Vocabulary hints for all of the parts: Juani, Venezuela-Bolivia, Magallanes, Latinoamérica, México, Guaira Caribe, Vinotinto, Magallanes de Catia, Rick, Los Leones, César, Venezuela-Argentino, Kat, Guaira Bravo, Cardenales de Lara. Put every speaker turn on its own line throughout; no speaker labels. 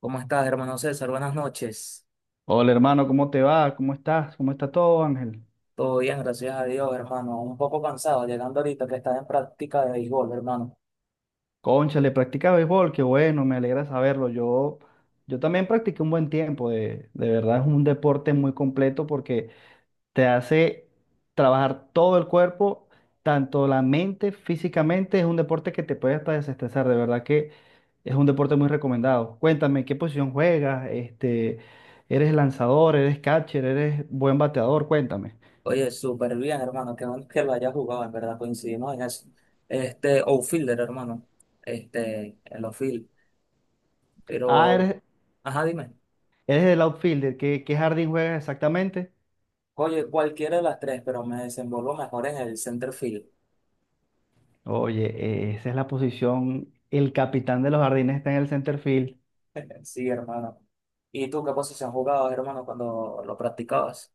¿Cómo estás, hermano César? Buenas noches.
Hola hermano, ¿cómo te va? ¿Cómo estás? ¿Cómo está todo, Ángel?
Todo bien, gracias a Dios, hermano. Un poco cansado, llegando ahorita que estás en práctica de béisbol, hermano.
Cónchale, practicas béisbol, qué bueno, me alegra saberlo. Yo también practiqué un buen tiempo, de verdad es un deporte muy completo porque te hace trabajar todo el cuerpo, tanto la mente, físicamente, es un deporte que te puede hasta desestresar, de verdad que es un deporte muy recomendado. Cuéntame, ¿qué posición juegas? Este, ¿eres lanzador, eres catcher, eres buen bateador? Cuéntame.
Oye, súper bien, hermano. Qué bueno que lo hayas jugado, en verdad, coincidimos en eso. Este, outfielder, hermano. Este, el outfield.
Ah,
Pero,
eres
ajá, dime.
¿Eres el outfielder? ¿Qué jardín juegas exactamente?
Oye, cualquiera de las tres, pero me desenvuelvo mejor en el center field.
Oye, esa es la posición. El capitán de los jardines está en el center field.
Sí, hermano. ¿Y tú qué posición jugabas, hermano, cuando lo practicabas?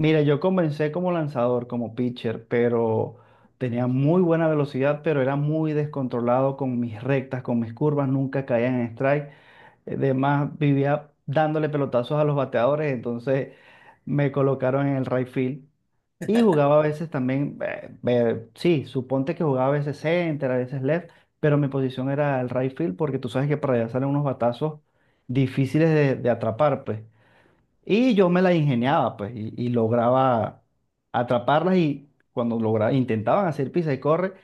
Mira, yo comencé como lanzador, como pitcher, pero tenía muy buena velocidad, pero era muy descontrolado con mis rectas, con mis curvas, nunca caía en strike. Además, vivía dándole pelotazos a los bateadores, entonces me colocaron en el right field. Y jugaba a veces también, sí, suponte que jugaba a veces center, a veces left, pero mi posición era el right field porque tú sabes que para allá salen unos batazos difíciles de atrapar, pues. Y yo me la ingeniaba, pues, y lograba atraparlas y cuando lograba, intentaban hacer pisa y corre,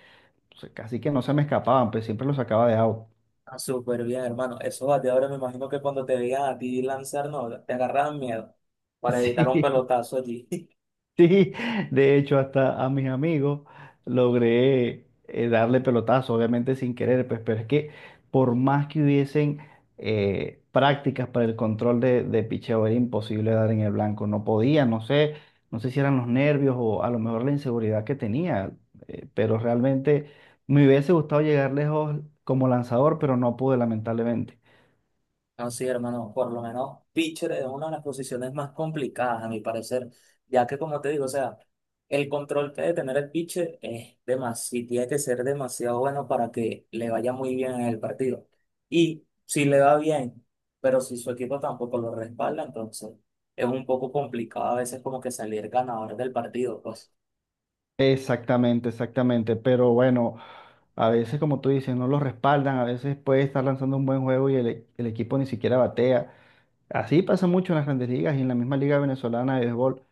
pues, casi que no se me escapaban, pues siempre los sacaba de out.
Ah, súper bien, hermano. Eso va, de ahora me imagino que cuando te veían a ti lanzar, no, te agarraban miedo para evitar un
Sí.
pelotazo allí.
Sí, de hecho, hasta a mis amigos logré darle pelotazo, obviamente sin querer, pues, pero es que por más que hubiesen prácticas para el control de picheo, era imposible dar en el blanco, no podía, no sé, no sé si eran los nervios o a lo mejor la inseguridad que tenía, pero realmente me hubiese gustado llegar lejos como lanzador, pero no pude, lamentablemente.
No, sí, hermano, por lo menos pitcher es una de las posiciones más complicadas, a mi parecer, ya que como te digo, o sea, el control que debe tener el pitcher es demasiado, tiene que ser demasiado bueno para que le vaya muy bien en el partido. Y si le va bien, pero si su equipo tampoco lo respalda, entonces es un poco complicado a veces como que salir ganador del partido, pues.
Exactamente, exactamente. Pero bueno, a veces, como tú dices, no los respaldan. A veces puede estar lanzando un buen juego y el equipo ni siquiera batea. Así pasa mucho en las grandes ligas y en la misma Liga Venezolana de Béisbol.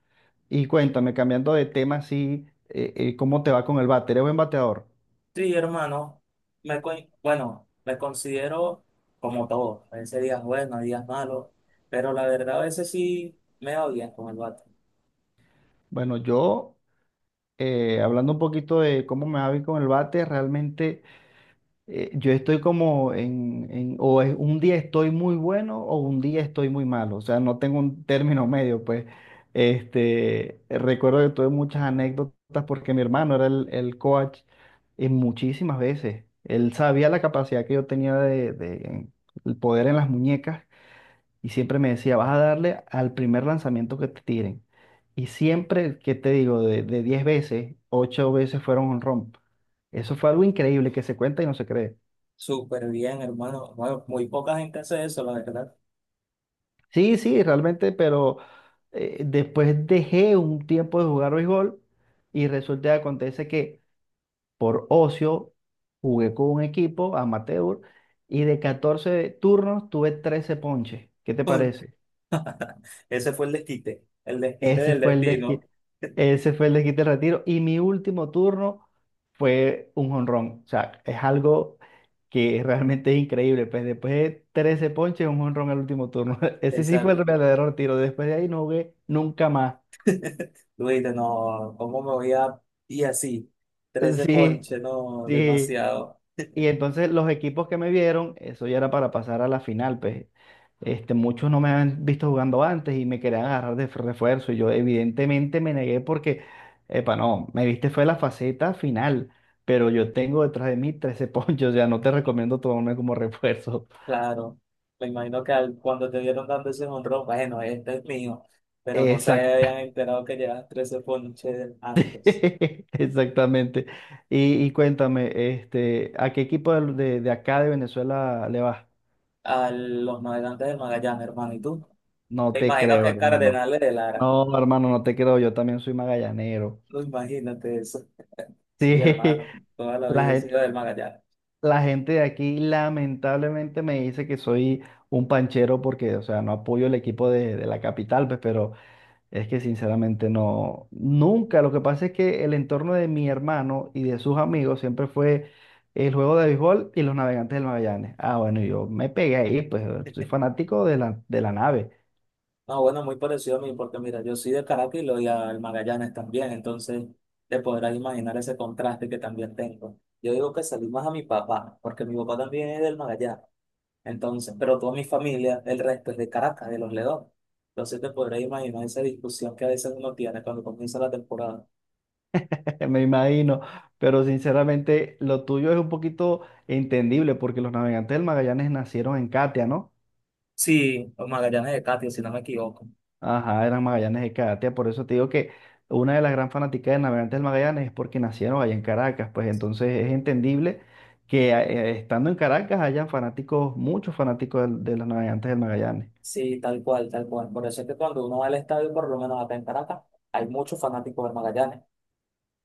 Y cuéntame, cambiando de tema, así, ¿cómo te va con el bate? ¿Eres buen bateador?
Sí, hermano, me, co- bueno, me considero como todo, a veces días buenos, hay días malos, pero la verdad a veces sí me va bien con el bate.
Bueno, hablando un poquito de cómo me va a ir con el bate, realmente. Yo estoy como un día estoy muy bueno o un día estoy muy malo, o sea, no tengo un término medio, pues, este, recuerdo que tuve muchas anécdotas porque mi hermano era el coach en muchísimas veces, él sabía la capacidad que yo tenía el poder en las muñecas y siempre me decía, vas a darle al primer lanzamiento que te tiren. Y siempre, ¿qué te digo? De 10 veces, 8 veces fueron un romp. Eso fue algo increíble que se cuenta y no se cree.
Súper bien, hermano. Bueno, muy poca gente hace eso, la verdad.
Sí, sí, realmente, pero después dejé un tiempo de jugar béisbol y resulta que acontece que por ocio jugué con un equipo amateur y de 14 turnos tuve 13 ponches. ¿Qué te
Uy,
parece?
ese fue el desquite
Ese
del
fue el desquite,
destino.
ese fue el desquite del retiro. Y mi último turno fue un jonrón. O sea, es algo que realmente es increíble. Pues después de 13 ponches, un jonrón al último turno. Ese sí fue el
Exacto.
verdadero retiro. Después de ahí no jugué nunca más.
Tú dices, no, ¿cómo me voy a? Y así, trece
Sí,
ponches, no,
sí.
demasiado.
Y entonces los equipos que me vieron, eso ya era para pasar a la final, pues este, muchos no me habían visto jugando antes y me querían agarrar de refuerzo. Y yo evidentemente me negué porque, epa, no, me viste fue la faceta final, pero yo tengo detrás de mí 13 ponchos, ya no te recomiendo tomarme como refuerzo.
Claro, me imagino que cuando te vieron dando ese honrón, bueno, este es mío, pero no se
Exact
habían enterado que llevas 13 ponches antes.
Exactamente. Y cuéntame, este, ¿a qué equipo de acá de Venezuela le vas?
A los navegantes de Magallanes, hermano, ¿y tú?
No
Me
te
imagino
creo,
que
hermano.
Cardenales de Lara,
No, hermano, no te creo, yo también soy magallanero.
no imagínate eso. Sí,
Sí,
hermano, toda la
la,
vida he sido
gen-
del Magallanes.
la gente de aquí lamentablemente me dice que soy un panchero porque, o sea, no apoyo el equipo de la capital, pues, pero es que sinceramente no, nunca. Lo que pasa es que el entorno de mi hermano y de sus amigos siempre fue el juego de béisbol y los navegantes del Magallanes. Ah, bueno, yo me pegué ahí, pues soy fanático de de la nave,
No, bueno, muy parecido a mí, porque mira, yo soy de Caracas y lo y al Magallanes también, entonces te podrás imaginar ese contraste que también tengo. Yo digo que salí más a mi papá, porque mi papá también es del Magallanes. Entonces, pero toda mi familia, el resto es de Caracas, de Los Leones. Entonces te podrás imaginar esa discusión que a veces uno tiene cuando comienza la temporada.
me imagino. Pero sinceramente lo tuyo es un poquito entendible porque los navegantes del Magallanes nacieron en Catia, ¿no?
Sí, o Magallanes de Catia, si no me equivoco.
Ajá, eran Magallanes de Catia, por eso te digo que una de las gran fanáticas de Navegantes del Magallanes es porque nacieron allá en Caracas, pues entonces es entendible que estando en Caracas hayan fanáticos, muchos fanáticos de los Navegantes del Magallanes.
Sí, tal cual, tal cual. Por eso es que cuando uno va al estadio, por lo menos acá en Caracas, hay muchos fanáticos de Magallanes,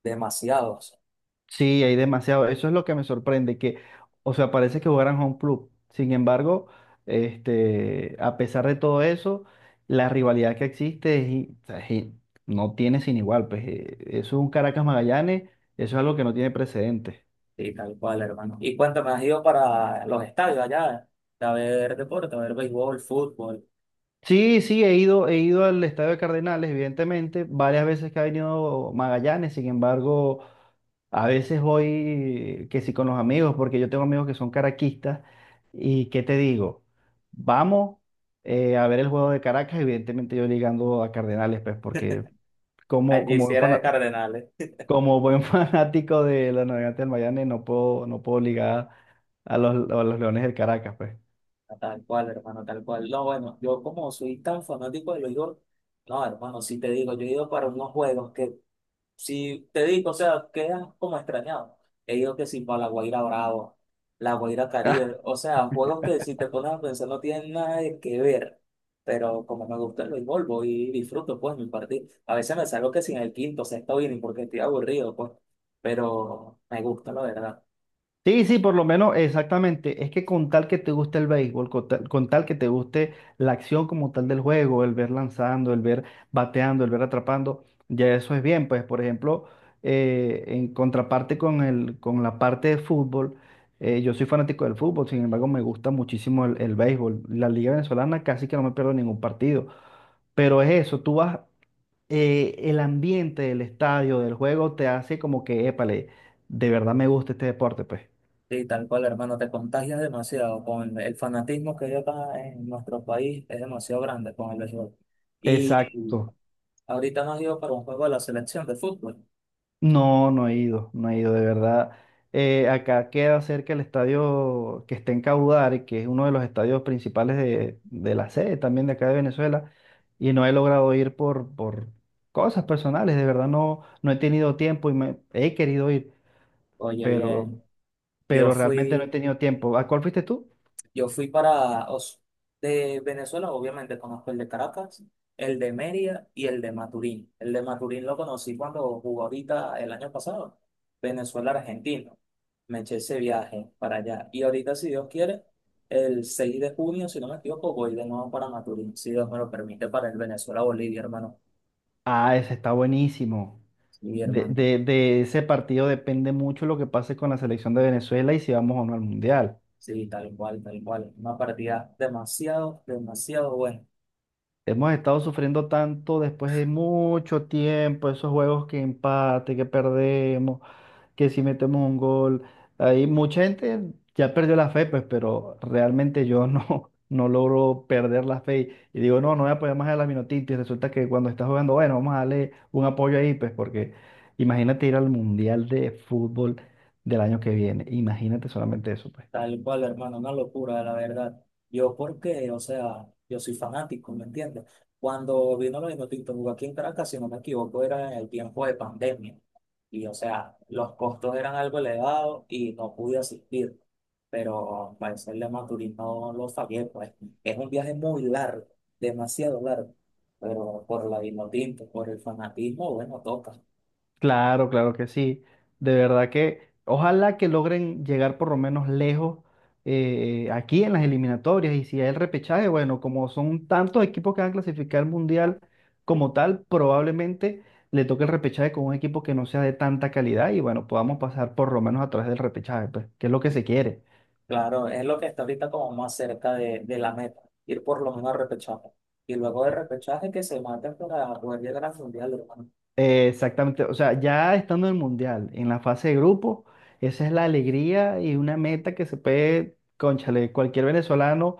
demasiados.
Sí, hay demasiado, eso es lo que me sorprende, que, o sea, parece que jugaran home club, sin embargo, este, a pesar de todo eso, la rivalidad que existe o sea, no tiene sin igual, pues eso es un Caracas Magallanes, eso es algo que no tiene precedentes.
Sí, tal cual, hermano. Y cuéntame, ¿has ido para los estadios allá? A ver deporte, a ver béisbol, fútbol.
Sí, sí, he ido al Estadio de Cardenales, evidentemente, varias veces que ha venido Magallanes, sin embargo, a veces voy que sí con los amigos, porque yo tengo amigos que son caraquistas, y ¿qué te digo? Vamos a ver el juego de Caracas, evidentemente yo ligando a Cardenales, pues, porque
Allí
como
sí
buen
era de
fanático,
Cardenales.
como buen fanático de los Navegantes del Magallanes, no puedo, no puedo ligar a a los Leones del Caracas, pues.
Tal cual, hermano, tal cual. No, bueno, yo como soy tan fanático de los juegos, no, hermano, si te digo, yo he ido para unos juegos que, si te digo, o sea, quedas como extrañado. He ido que sí para la Guaira Bravo, la Guaira Caribe, o sea, juegos que si te pones a pensar no tienen nada de que ver, pero como me gusta el béisbol, voy y disfruto pues mi partido. A veces me salgo que sin el quinto, sexto inning porque estoy aburrido, pues, pero me gusta, la verdad.
Sí, sí, por lo menos, exactamente. Es que con tal que te guste el béisbol, con tal que te guste la acción como tal del juego, el ver lanzando, el ver bateando, el ver atrapando, ya eso es bien. Pues, por ejemplo, en contraparte con con la parte de fútbol, yo soy fanático del fútbol, sin embargo, me gusta muchísimo el béisbol. La Liga Venezolana casi que no me pierdo ningún partido. Pero es eso, tú vas, el ambiente del estadio, del juego, te hace como que, épale, de verdad me gusta este deporte, pues.
Sí, tal cual, hermano, te contagias demasiado con el fanatismo que hay acá en nuestro país, es demasiado grande con el béisbol. Y
Exacto.
ahorita nos dio para un juego de la selección de fútbol.
No, no he ido, no he ido, de verdad. Acá queda cerca el estadio que está en Caudar, que es uno de los estadios principales de la sede también de acá de Venezuela, y no he logrado ir por cosas personales, de verdad no, no he tenido tiempo y me, he querido ir,
Oye,
pero,
bien, yo
pero realmente no he
fui
tenido tiempo. ¿A cuál fuiste tú?
Yo fui para de Venezuela, obviamente conozco el de Caracas, el de Mérida y el de Maturín. El de Maturín lo conocí cuando jugó ahorita el año pasado, Venezuela-Argentino. Me eché ese viaje para allá. Y ahorita, si Dios quiere, el 6 de junio, si no me equivoco, voy de nuevo para Maturín, si Dios me lo permite, para el Venezuela-Bolivia, hermano.
Ah, ese está buenísimo.
Sí, hermano.
De ese partido depende mucho lo que pase con la selección de Venezuela y si vamos o no al mundial.
Sí, tal cual, tal cual. Una partida demasiado, demasiado buena.
Hemos estado sufriendo tanto después de mucho tiempo, esos juegos que empate, que perdemos, que si metemos un gol. Ahí mucha gente ya perdió la fe, pues, pero realmente yo no, no logro perder la fe. Y digo, no, no voy a apoyar más a la Minotinti. Y resulta que cuando estás jugando, bueno, vamos a darle un apoyo ahí, pues, porque imagínate ir al Mundial de Fútbol del año que viene. Imagínate solamente eso, pues.
Tal cual, hermano, una locura, la verdad. Yo porque, o sea, yo soy fanático, ¿me entiendes? Cuando vino lo de Tinto jugó aquí en Caracas, si no me equivoco, era en el tiempo de pandemia. Y, o sea, los costos eran algo elevados y no pude asistir. Pero para hacerle Maturín no lo sabía, pues. Es un viaje muy largo, demasiado largo. Pero por la Vinotinto, por el fanatismo, bueno, toca.
Claro, claro que sí. De verdad que ojalá que logren llegar por lo menos lejos aquí en las eliminatorias y si hay el repechaje, bueno, como son tantos equipos que van a clasificar al mundial como tal, probablemente le toque el repechaje con un equipo que no sea de tanta calidad y bueno, podamos pasar por lo menos a través del repechaje, pues, que es lo que se quiere.
Claro, es lo que está ahorita como más cerca de la meta, ir por lo menos al repechaje. Y luego de repechaje que se maten para poder llegar al mundial, hermano.
Exactamente, o sea, ya estando en el mundial, en la fase de grupo, esa es la alegría y una meta que se puede, cónchale, cualquier venezolano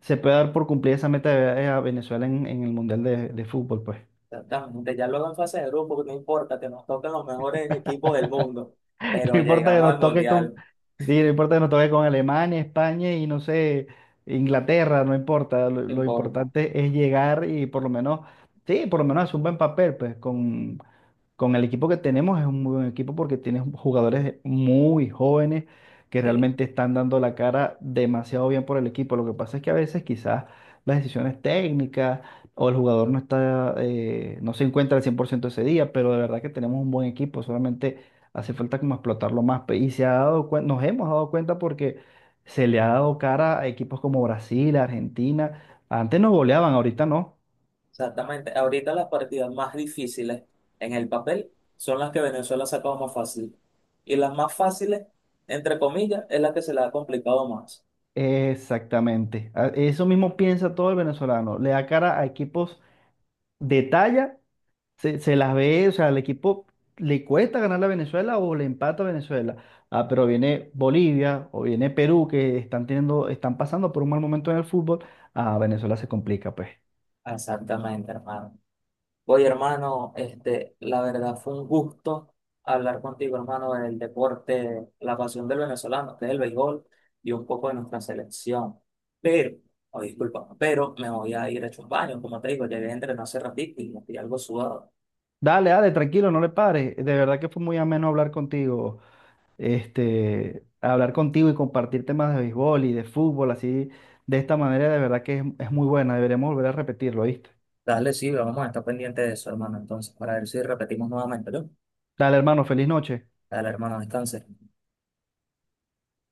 se puede dar por cumplir esa meta de ver a Venezuela en el Mundial de Fútbol, pues.
Exactamente, ya luego en fase de grupo, no importa, que nos toquen los mejores equipos del mundo, pero
No importa que
llegamos al
nos toque con,
mundial,
sí, no importa que nos toque con Alemania, España y no sé, Inglaterra, no importa.
no
Lo
importa.
importante es llegar y por lo menos, sí, por lo menos hacer un buen papel, pues, con el equipo que tenemos es un muy buen equipo porque tienes jugadores muy jóvenes que
Sí,
realmente están dando la cara demasiado bien por el equipo. Lo que pasa es que a veces quizás las decisiones técnicas o el jugador no está, no se encuentra al 100% ese día, pero de verdad que tenemos un buen equipo, solamente hace falta como explotarlo más. Y se ha nos hemos dado cuenta porque se le ha dado cara a equipos como Brasil, Argentina. Antes nos goleaban, ahorita no.
exactamente. Ahorita las partidas más difíciles en el papel son las que Venezuela ha sacado más fácil. Y las más fáciles, entre comillas, es la que se le ha complicado más.
Exactamente. Eso mismo piensa todo el venezolano. Le da cara a equipos de talla, se las ve, o sea, al equipo le cuesta ganar a Venezuela o le empata a Venezuela. Ah, pero viene Bolivia o viene Perú que están teniendo, están pasando por un mal momento en el fútbol. A Venezuela se complica, pues.
Exactamente, hermano. Oye, hermano, este, la verdad fue un gusto hablar contigo, hermano, del deporte, la pasión del venezolano, que es el béisbol, y un poco de nuestra selección. Pero, oh, disculpa, pero me voy a ir a echar un baño, como te digo, llegué a entrenar hace ratito y me estoy algo sudado.
Dale, dale, tranquilo, no le pares. De verdad que fue muy ameno hablar contigo. Este, hablar contigo y compartir temas de béisbol y de fútbol, así, de esta manera, de verdad que es muy buena. Deberíamos volver a repetirlo, ¿viste?
Dale, sí, vamos a estar pendiente de eso, hermano, entonces, para ver si repetimos nuevamente, ¿no?
Dale, hermano, feliz noche.
Dale, hermano, descanse.